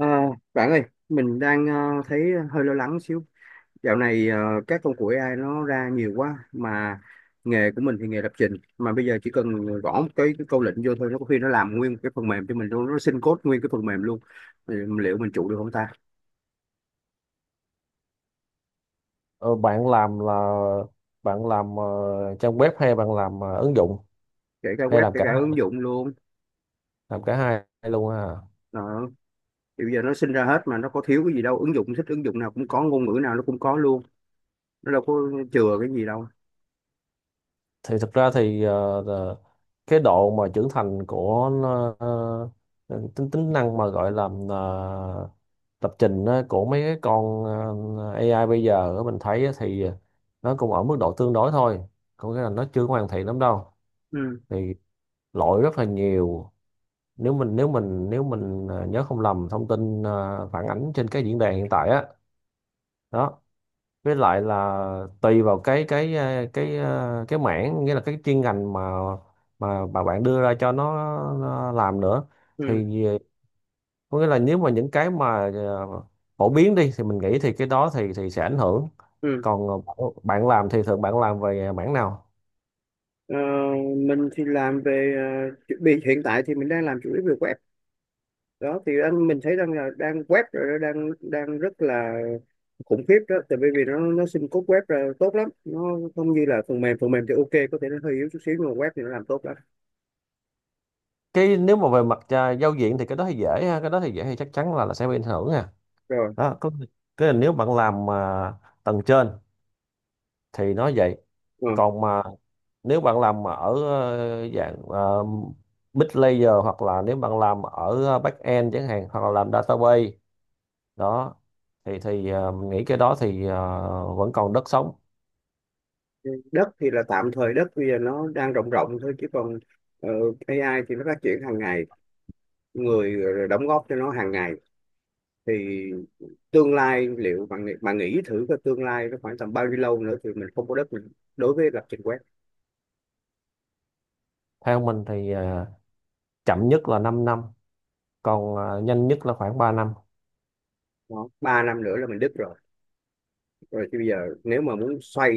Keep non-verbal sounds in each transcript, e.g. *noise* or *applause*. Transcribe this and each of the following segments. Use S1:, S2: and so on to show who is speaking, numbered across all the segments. S1: Ờ, bạn ơi, mình đang thấy hơi lo lắng xíu. Dạo này các công cụ AI nó ra nhiều quá mà nghề của mình thì nghề lập trình mà bây giờ chỉ cần gõ một cái câu lệnh vô thôi, nó có khi nó làm nguyên một cái phần mềm cho mình luôn, nó xin code nguyên cái phần mềm luôn. Thì liệu mình trụ được không ta?
S2: Ờ, Bạn làm là bạn làm ờ, trang web hay bạn làm ứng dụng,
S1: Kể cả
S2: hay
S1: web,
S2: làm
S1: kể
S2: cả
S1: cả ứng
S2: hai,
S1: dụng luôn.
S2: làm cả hai luôn ha?
S1: Đó. Thì bây giờ nó sinh ra hết mà nó có thiếu cái gì đâu, ứng dụng thích ứng dụng nào cũng có, ngôn ngữ nào nó cũng có luôn. Nó đâu có chừa cái gì đâu.
S2: Thì thực ra thì cái độ mà trưởng thành của nó, tính tính năng mà gọi là ờ, lập trình á, của mấy cái con AI bây giờ á, mình thấy á thì nó cũng ở mức độ tương đối thôi, có nghĩa là nó chưa hoàn thiện lắm đâu.
S1: Ừ,
S2: Thì lỗi rất là nhiều, nếu mình nhớ không lầm thông tin phản ánh trên cái diễn đàn hiện tại á. Đó, với lại là tùy vào cái mảng, nghĩa là cái chuyên ngành mà mà bạn đưa ra cho nó làm nữa.
S1: ừ,
S2: Thì có nghĩa là nếu mà những cái mà phổ biến đi thì mình nghĩ thì cái đó thì sẽ ảnh hưởng.
S1: ừ.
S2: Còn bạn bạn làm thì thường bạn làm về mảng nào?
S1: Ờ, mình thì làm về chuẩn bị hiện tại thì mình đang làm chủ yếu về web. Đó thì anh mình thấy đang là đang web rồi đó, đang đang rất là khủng khiếp đó, tại vì vì nó xin code web là tốt lắm, nó không như là phần mềm. Phần mềm thì ok, có thể nó hơi yếu chút xíu, nhưng mà web thì nó làm tốt lắm.
S2: Cái nếu mà về mặt giao diện thì cái đó thì dễ ha, cái đó thì dễ thì chắc chắn là sẽ bị ảnh hưởng ha.
S1: Rồi
S2: Đó, có cái là nếu bạn làm mà tầng trên thì nó vậy.
S1: ờ.
S2: Còn mà nếu bạn làm mà ở dạng mid layer, hoặc là nếu bạn làm ở back end chẳng hạn, hoặc là làm database. Đó thì mình nghĩ cái đó thì vẫn còn đất sống.
S1: Đất thì là tạm thời, đất bây giờ nó đang rộng rộng thôi, chứ còn ờ, AI thì nó phát triển hàng ngày, người đóng góp cho nó hàng ngày. Thì tương lai liệu bạn nghĩ, thử cái tương lai nó khoảng tầm bao nhiêu lâu nữa thì mình không có đất, mình đối với lập trình web.
S2: Theo mình thì chậm nhất là 5 năm, còn nhanh nhất là khoảng 3 năm.
S1: Đó. Ba năm nữa là mình đứt rồi. Rồi thì bây giờ nếu mà muốn xoay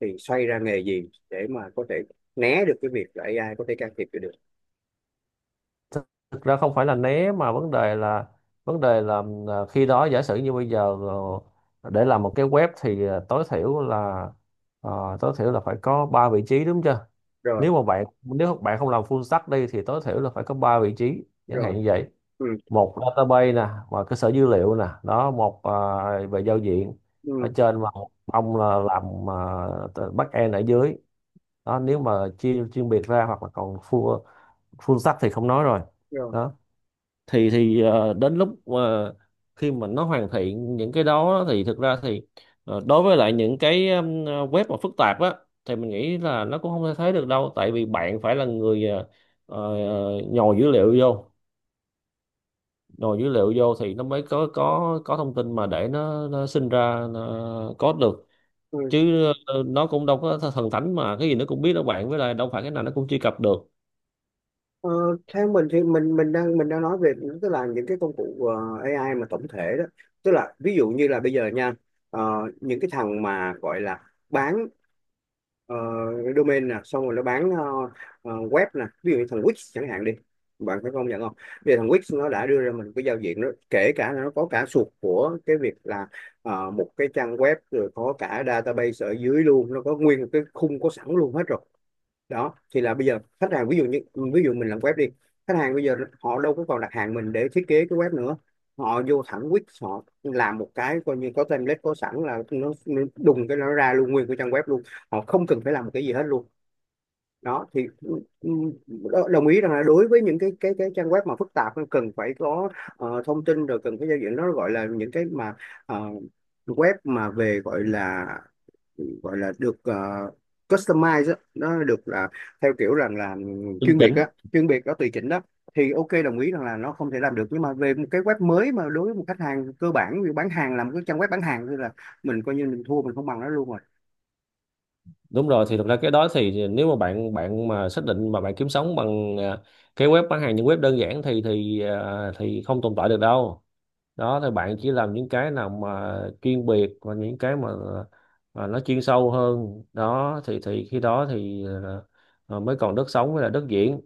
S1: thì xoay ra nghề gì để mà có thể né được cái việc là AI có thể can thiệp vô được.
S2: Thực ra không phải là né mà vấn đề là, khi đó giả sử như bây giờ, để làm một cái web thì tối thiểu là phải có 3 vị trí, đúng chưa?
S1: rồi
S2: Nếu mà nếu bạn không làm full stack đi thì tối thiểu là phải có ba vị trí chẳng hạn
S1: rồi
S2: như vậy.
S1: ừ,
S2: Một database nè và cơ sở dữ liệu nè, đó một về giao diện ở
S1: ừ,
S2: trên, và một ông là làm back end ở dưới. Đó, nếu mà chia chuyên biệt ra, hoặc là còn full full stack thì không nói rồi.
S1: rồi
S2: Đó thì đến lúc mà, khi mà nó hoàn thiện những cái đó thì thực ra thì đối với lại những cái web mà phức tạp á, thì mình nghĩ là nó cũng không thể thấy được đâu. Tại vì bạn phải là người nhồi dữ liệu vô, thì nó mới có thông tin mà để nó sinh ra nó code được.
S1: ừ.
S2: Chứ nó cũng đâu có thần thánh mà cái gì nó cũng biết đâu bạn, với lại đâu phải cái nào nó cũng truy cập được.
S1: Ờ, theo mình thì mình đang nói về, tức là những cái công cụ AI mà tổng thể đó. Tức là ví dụ như là bây giờ nha, ờ, những cái thằng mà gọi là bán ờ, domain nè, xong rồi nó bán web nè, ví dụ như thằng Wix chẳng hạn đi. Bạn phải công nhận không, bây giờ thằng Wix nó đã đưa ra mình cái giao diện đó, kể cả là nó có cả suột của cái việc là một cái trang web, rồi có cả database ở dưới luôn, nó có nguyên một cái khung có sẵn luôn hết rồi. Đó thì là bây giờ khách hàng, ví dụ như, ví dụ mình làm web đi, khách hàng bây giờ họ đâu có còn đặt hàng mình để thiết kế cái web nữa. Họ vô thẳng Wix, họ làm một cái coi như có template có sẵn, là nó đùng cái nó ra luôn nguyên cái trang web luôn, họ không cần phải làm một cái gì hết luôn. Đó thì ừ, đồng ý rằng là đối với những cái trang web mà phức tạp, nó cần phải có thông tin, rồi cần phải giao diện, nó gọi là những cái mà ờ, web mà về gọi là, Ừ, gọi là được customize á, nó được là theo kiểu rằng là
S2: Chuẩn
S1: chuyên biệt
S2: chính.
S1: á, chuyên biệt đó, tùy chỉnh đó. Thì ok, đồng ý rằng là nó không thể làm được, nhưng mà về một cái web mới mà đối với một khách hàng cơ bản như bán hàng, làm cái trang web bán hàng, thì là mình coi như mình thua, mình không bằng nó luôn rồi.
S2: Đúng rồi. Thì thực ra cái đó thì nếu mà bạn bạn mà xác định mà bạn kiếm sống bằng cái web bán hàng, những web đơn giản thì thì không tồn tại được đâu. Đó thì bạn chỉ làm những cái nào mà chuyên biệt và những cái mà nó chuyên sâu hơn. Đó thì khi đó thì mới còn đất sống với là đất diễn.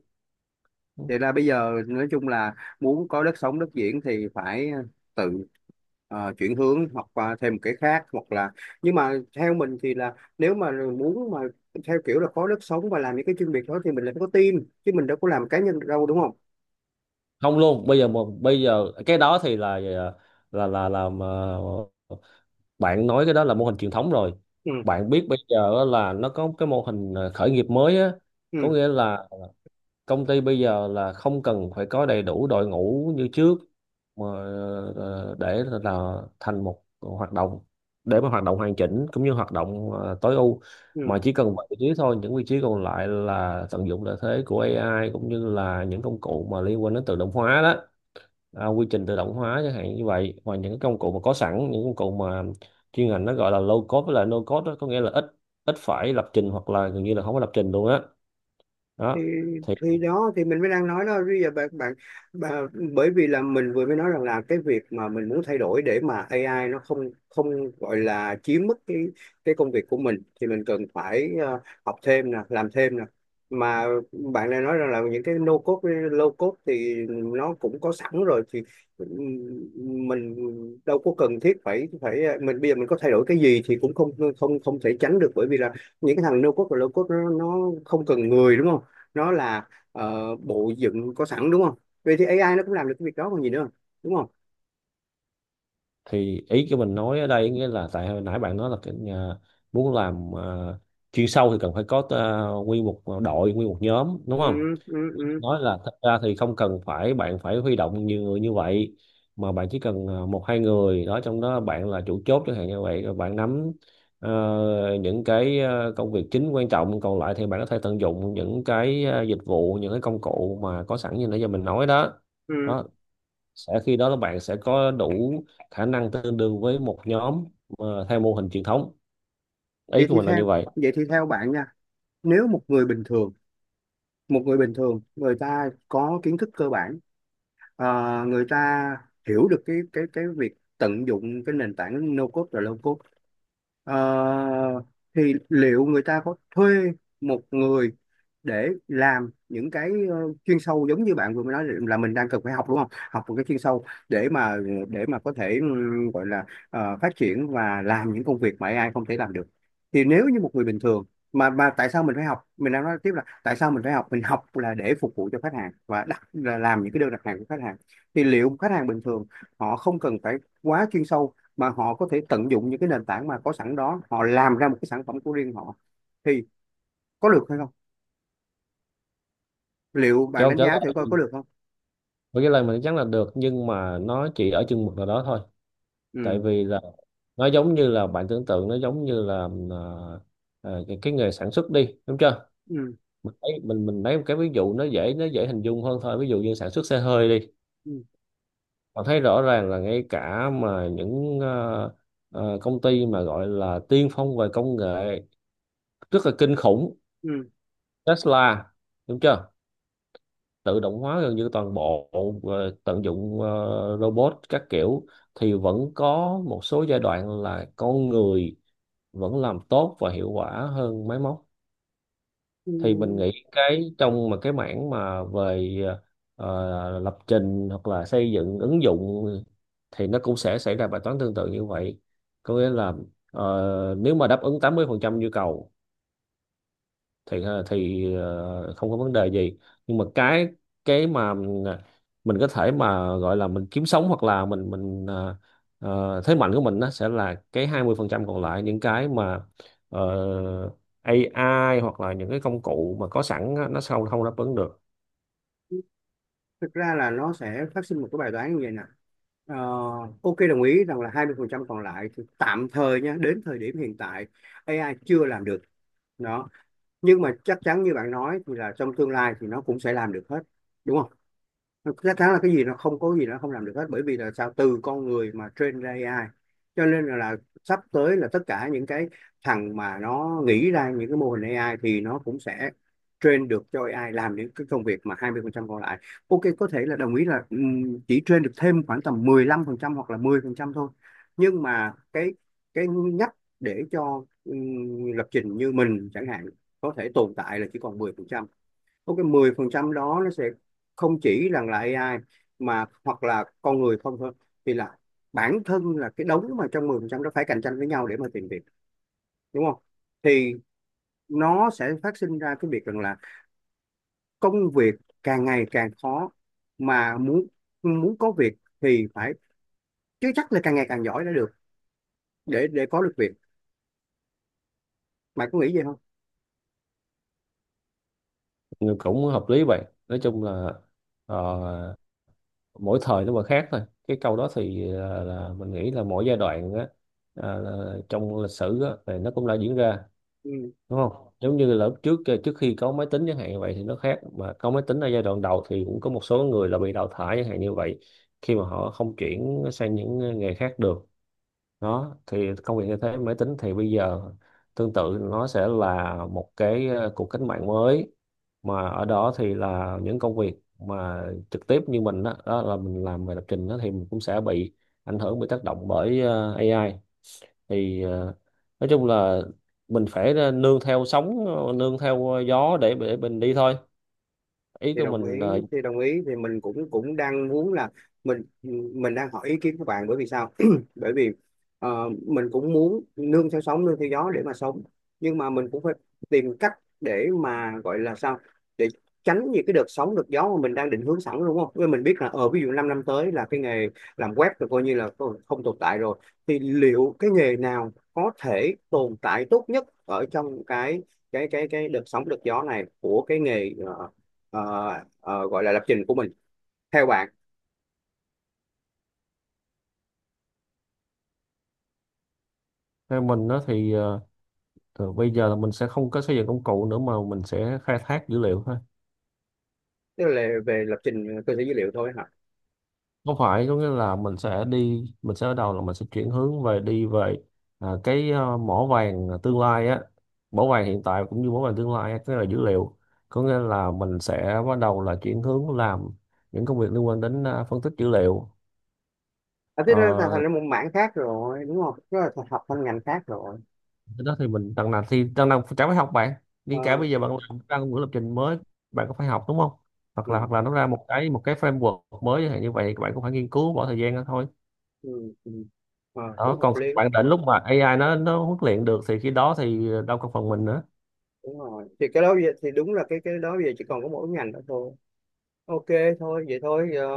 S1: Vậy là bây giờ nói chung là muốn có đất sống, đất diễn thì phải tự chuyển hướng hoặc qua thêm một cái khác hoặc là, nhưng mà theo mình thì là nếu mà muốn mà theo kiểu là có đất sống và làm những cái chuyên biệt đó thì mình lại phải có team, chứ mình đâu có làm cá nhân được đâu, đúng không?
S2: Không luôn bây giờ, mà bây giờ cái đó thì là là là làm à, bạn nói cái đó là mô hình truyền thống rồi.
S1: Ừ,
S2: Bạn biết bây giờ á là nó có cái mô hình khởi nghiệp mới á, có
S1: ừ,
S2: nghĩa là công ty bây giờ là không cần phải có đầy đủ đội ngũ như trước, mà để là thành một hoạt động, để mà hoạt động hoàn chỉnh cũng như hoạt động tối ưu,
S1: ừ.
S2: mà chỉ cần 7 vị trí thôi, những vị trí còn lại là tận dụng lợi thế của AI cũng như là những công cụ mà liên quan đến tự động hóa đó. Quy trình tự động hóa chẳng hạn như vậy, hoặc những cái công cụ mà có sẵn, những công cụ mà chuyên ngành nó gọi là low code với lại no code đó, có nghĩa là ít ít phải lập trình, hoặc là gần như là không có lập trình luôn á.
S1: thì
S2: Đó. thì
S1: thì đó thì mình mới đang nói đó. Bây giờ bạn bạn bà, bởi vì là mình vừa mới nói rằng là cái việc mà mình muốn thay đổi để mà AI nó không, không gọi là chiếm mất cái công việc của mình, thì mình cần phải học thêm nè, làm thêm nè. Mà bạn này nói rằng là những cái no code với low code thì nó cũng có sẵn rồi, thì mình đâu có cần thiết phải, mình bây giờ mình có thay đổi cái gì thì cũng không, không thể tránh được, bởi vì là những cái thằng no code và low code nó không cần người, đúng không? Nó là bộ dựng có sẵn, đúng không? Vậy thì AI nó cũng làm được cái việc đó còn gì nữa, đúng không?
S2: thì ý của mình nói ở đây nghĩa là tại hồi nãy bạn nói là muốn làm chuyên sâu thì cần phải có nguyên một đội, nguyên một nhóm, đúng
S1: ừ,
S2: không?
S1: ừ, ừ,
S2: Nói là thật ra thì không cần phải bạn phải huy động nhiều người như vậy, mà bạn chỉ cần một hai người đó, trong đó bạn là chủ chốt chẳng hạn như vậy, rồi bạn nắm ờ, những cái công việc chính quan trọng. Còn lại thì bạn có thể tận dụng những cái dịch vụ, những cái công cụ mà có sẵn như nãy giờ mình nói đó.
S1: ừ.
S2: Đó sẽ khi đó là bạn sẽ có đủ khả năng tương đương với một nhóm theo mô hình truyền thống.
S1: vậy
S2: Ý của
S1: thì
S2: mình là
S1: theo
S2: như vậy.
S1: Vậy thì theo bạn nha, nếu một người bình thường, một người bình thường người ta có kiến thức cơ bản, người ta hiểu được cái việc tận dụng cái nền tảng no code và low code, ờ, thì liệu người ta có thuê một người để làm những cái chuyên sâu giống như bạn vừa mới nói là mình đang cần phải học đúng không, học một cái chuyên sâu để mà, để mà có thể gọi là phát triển và làm những công việc mà AI không thể làm được. Thì nếu như một người bình thường mà, tại sao mình phải học, mình đang nói tiếp là tại sao mình phải học, mình học là để phục vụ cho khách hàng và đặt là làm những cái đơn đặt hàng của khách hàng. Thì liệu khách hàng bình thường họ không cần phải quá chuyên sâu, mà họ có thể tận dụng những cái nền tảng mà có sẵn đó, họ làm ra một cái sản phẩm của riêng họ, thì có được hay không? Liệu
S2: Cái
S1: bạn
S2: câu
S1: đánh
S2: trả
S1: giá thử
S2: lời
S1: coi có được không?
S2: với cái lời mình chắc là được, nhưng mà nó chỉ ở chừng mực nào đó thôi. Tại
S1: ừ
S2: vì là nó giống như là bạn tưởng tượng, nó giống như là cái nghề sản xuất đi, đúng chưa?
S1: ừ
S2: Mình thấy mình lấy một cái ví dụ nó dễ, nó dễ hình dung hơn thôi. Ví dụ như sản xuất xe hơi đi.
S1: ừ
S2: Bạn thấy rõ ràng là ngay cả mà những công ty mà gọi là tiên phong về công nghệ, rất là kinh khủng,
S1: ừ
S2: Tesla, đúng chưa, tự động hóa gần như toàn bộ, tận dụng robot các kiểu, thì vẫn có một số giai đoạn là con người vẫn làm tốt và hiệu quả hơn máy móc.
S1: ừ.
S2: Thì mình nghĩ cái trong mà cái mảng mà về lập trình hoặc là xây dựng ứng dụng thì nó cũng sẽ xảy ra bài toán tương tự như vậy. Có nghĩa là nếu mà đáp ứng 80% nhu cầu thì không có vấn đề gì. Nhưng mà cái mà ờ, mình có thể mà gọi là mình kiếm sống, hoặc là thế mạnh của mình nó sẽ là cái 20% còn lại, những cái mà ờ, AI hoặc là những cái công cụ mà có sẵn á, nó sao không đáp ứng được.
S1: Thực ra là nó sẽ phát sinh một cái bài toán như vậy nè. Ờ, ok, đồng ý rằng là 20% còn lại thì tạm thời nha, đến thời điểm hiện tại AI chưa làm được. Đó. Nhưng mà chắc chắn như bạn nói thì là trong tương lai thì nó cũng sẽ làm được hết, đúng không? Thực ra thắng là cái gì, nó không có gì nó không làm được hết, bởi vì là sao, từ con người mà train ra AI. Cho nên là sắp tới là tất cả những cái thằng mà nó nghĩ ra những cái mô hình AI thì nó cũng sẽ train được cho AI làm những cái công việc mà 20% còn lại. Ok, có thể là đồng ý là chỉ train được thêm khoảng tầm 15% hoặc là 10% thôi. Nhưng mà cái nhắc để cho lập trình như mình chẳng hạn có thể tồn tại là chỉ còn 10%. Có cái 10% đó nó sẽ không chỉ rằng là AI, mà hoặc là con người không thôi, thì là bản thân là cái đống mà trong 10% đó phải cạnh tranh với nhau để mà tìm việc, đúng không? Thì nó sẽ phát sinh ra cái việc rằng là công việc càng ngày càng khó, mà muốn, muốn có việc thì phải, chứ chắc là càng ngày càng giỏi đã được, để có được việc. Mày có nghĩ vậy không?
S2: Nhưng cũng hợp lý vậy. Nói chung là ờ, mỗi thời nó mà khác thôi. Cái câu đó thì là mình nghĩ là mỗi giai đoạn á, trong lịch sử á, thì nó cũng đã diễn ra.
S1: Ừ.
S2: Đúng không, giống như là lúc trước trước khi có máy tính chẳng hạn như vậy thì nó khác, mà có máy tính ở giai đoạn đầu thì cũng có một số người là bị đào thải chẳng hạn như vậy, khi mà họ không chuyển sang những nghề khác được. Đó thì công việc như thế máy tính thì bây giờ tương tự, nó sẽ là một cái cuộc cách mạng mới, mà ở đó thì là những công việc mà trực tiếp như mình đó, đó là mình làm về lập trình đó thì mình cũng sẽ bị ảnh hưởng, bị tác động bởi AI. Thì nói chung là mình phải nương theo sóng, nương theo gió để mình đi thôi. Ý
S1: thì
S2: của
S1: đồng
S2: mình
S1: ý
S2: là
S1: thì đồng ý, thì mình cũng cũng đang muốn là, mình mình đang hỏi ý kiến của bạn, bởi vì sao *clears throat* bởi vì mình cũng muốn nương theo sóng nương theo gió để mà sống. Nhưng mà mình cũng phải tìm cách để mà gọi là sao, để tránh những cái đợt sóng đợt gió mà mình đang định hướng sẵn, đúng không? Với mình biết là ở ví dụ 5 năm năm tới là cái nghề làm web là coi như là không, không tồn tại rồi. Thì liệu cái nghề nào có thể tồn tại tốt nhất ở trong cái cái đợt sóng đợt gió này của cái nghề ờ, gọi là lập trình của mình, theo bạn?
S2: theo mình đó thì từ bây giờ là mình sẽ không có xây dựng công cụ nữa mà mình sẽ khai thác dữ liệu thôi.
S1: Tức là về lập trình cơ sở dữ liệu thôi hả?
S2: Không phải, có nghĩa là mình sẽ đi, mình sẽ ở đầu là mình sẽ chuyển hướng về, đi về cái mỏ vàng tương lai á, mỏ vàng hiện tại cũng như mỏ vàng tương lai á, cái là dữ liệu. Có nghĩa là mình sẽ bắt đầu là chuyển hướng làm những công việc liên quan đến phân tích dữ liệu.
S1: À, thế nó thành, thành
S2: Ờ,
S1: ra một mảng khác rồi đúng không, nó là học thành ngành khác rồi.
S2: Cái đó thì mình, đằng nào thì đằng nào chả phải học bạn, đi cả
S1: Ờ,
S2: bây giờ bạn làm ra ngữ lập trình mới bạn cũng phải học, đúng không?
S1: ừ,
S2: Hoặc là nó ra một cái framework mới chẳng hạn như vậy bạn cũng phải nghiên cứu bỏ thời gian ra thôi.
S1: ừ, ừ. Ờ,
S2: Đó,
S1: cũng hợp
S2: còn
S1: lý.
S2: bạn định lúc mà AI nó huấn luyện được thì khi đó thì đâu còn phần mình nữa.
S1: Đúng rồi thì cái đó bây giờ, thì đúng là cái đó bây giờ chỉ còn có mỗi ngành đó thôi. Ok, thôi vậy thôi giờ,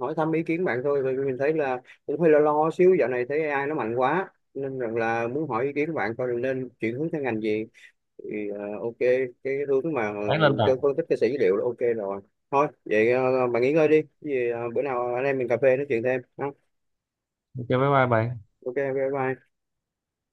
S1: hỏi thăm ý kiến bạn thôi, vì mình thấy là cũng hơi lo lo xíu, dạo này thấy AI nó mạnh quá nên rằng là muốn hỏi ý kiến của bạn coi là nên chuyển hướng sang ngành gì. Thì à, ok, cái hướng mà
S2: Bán lên bạn.
S1: cho phân tích cái sẻ dữ liệu là ok rồi. Thôi vậy à, bạn nghỉ ngơi đi. Cái gì à, bữa nào anh em mình cà phê nói chuyện thêm ha.
S2: Cho bye bye bạn.
S1: Ok, ok, bye bye.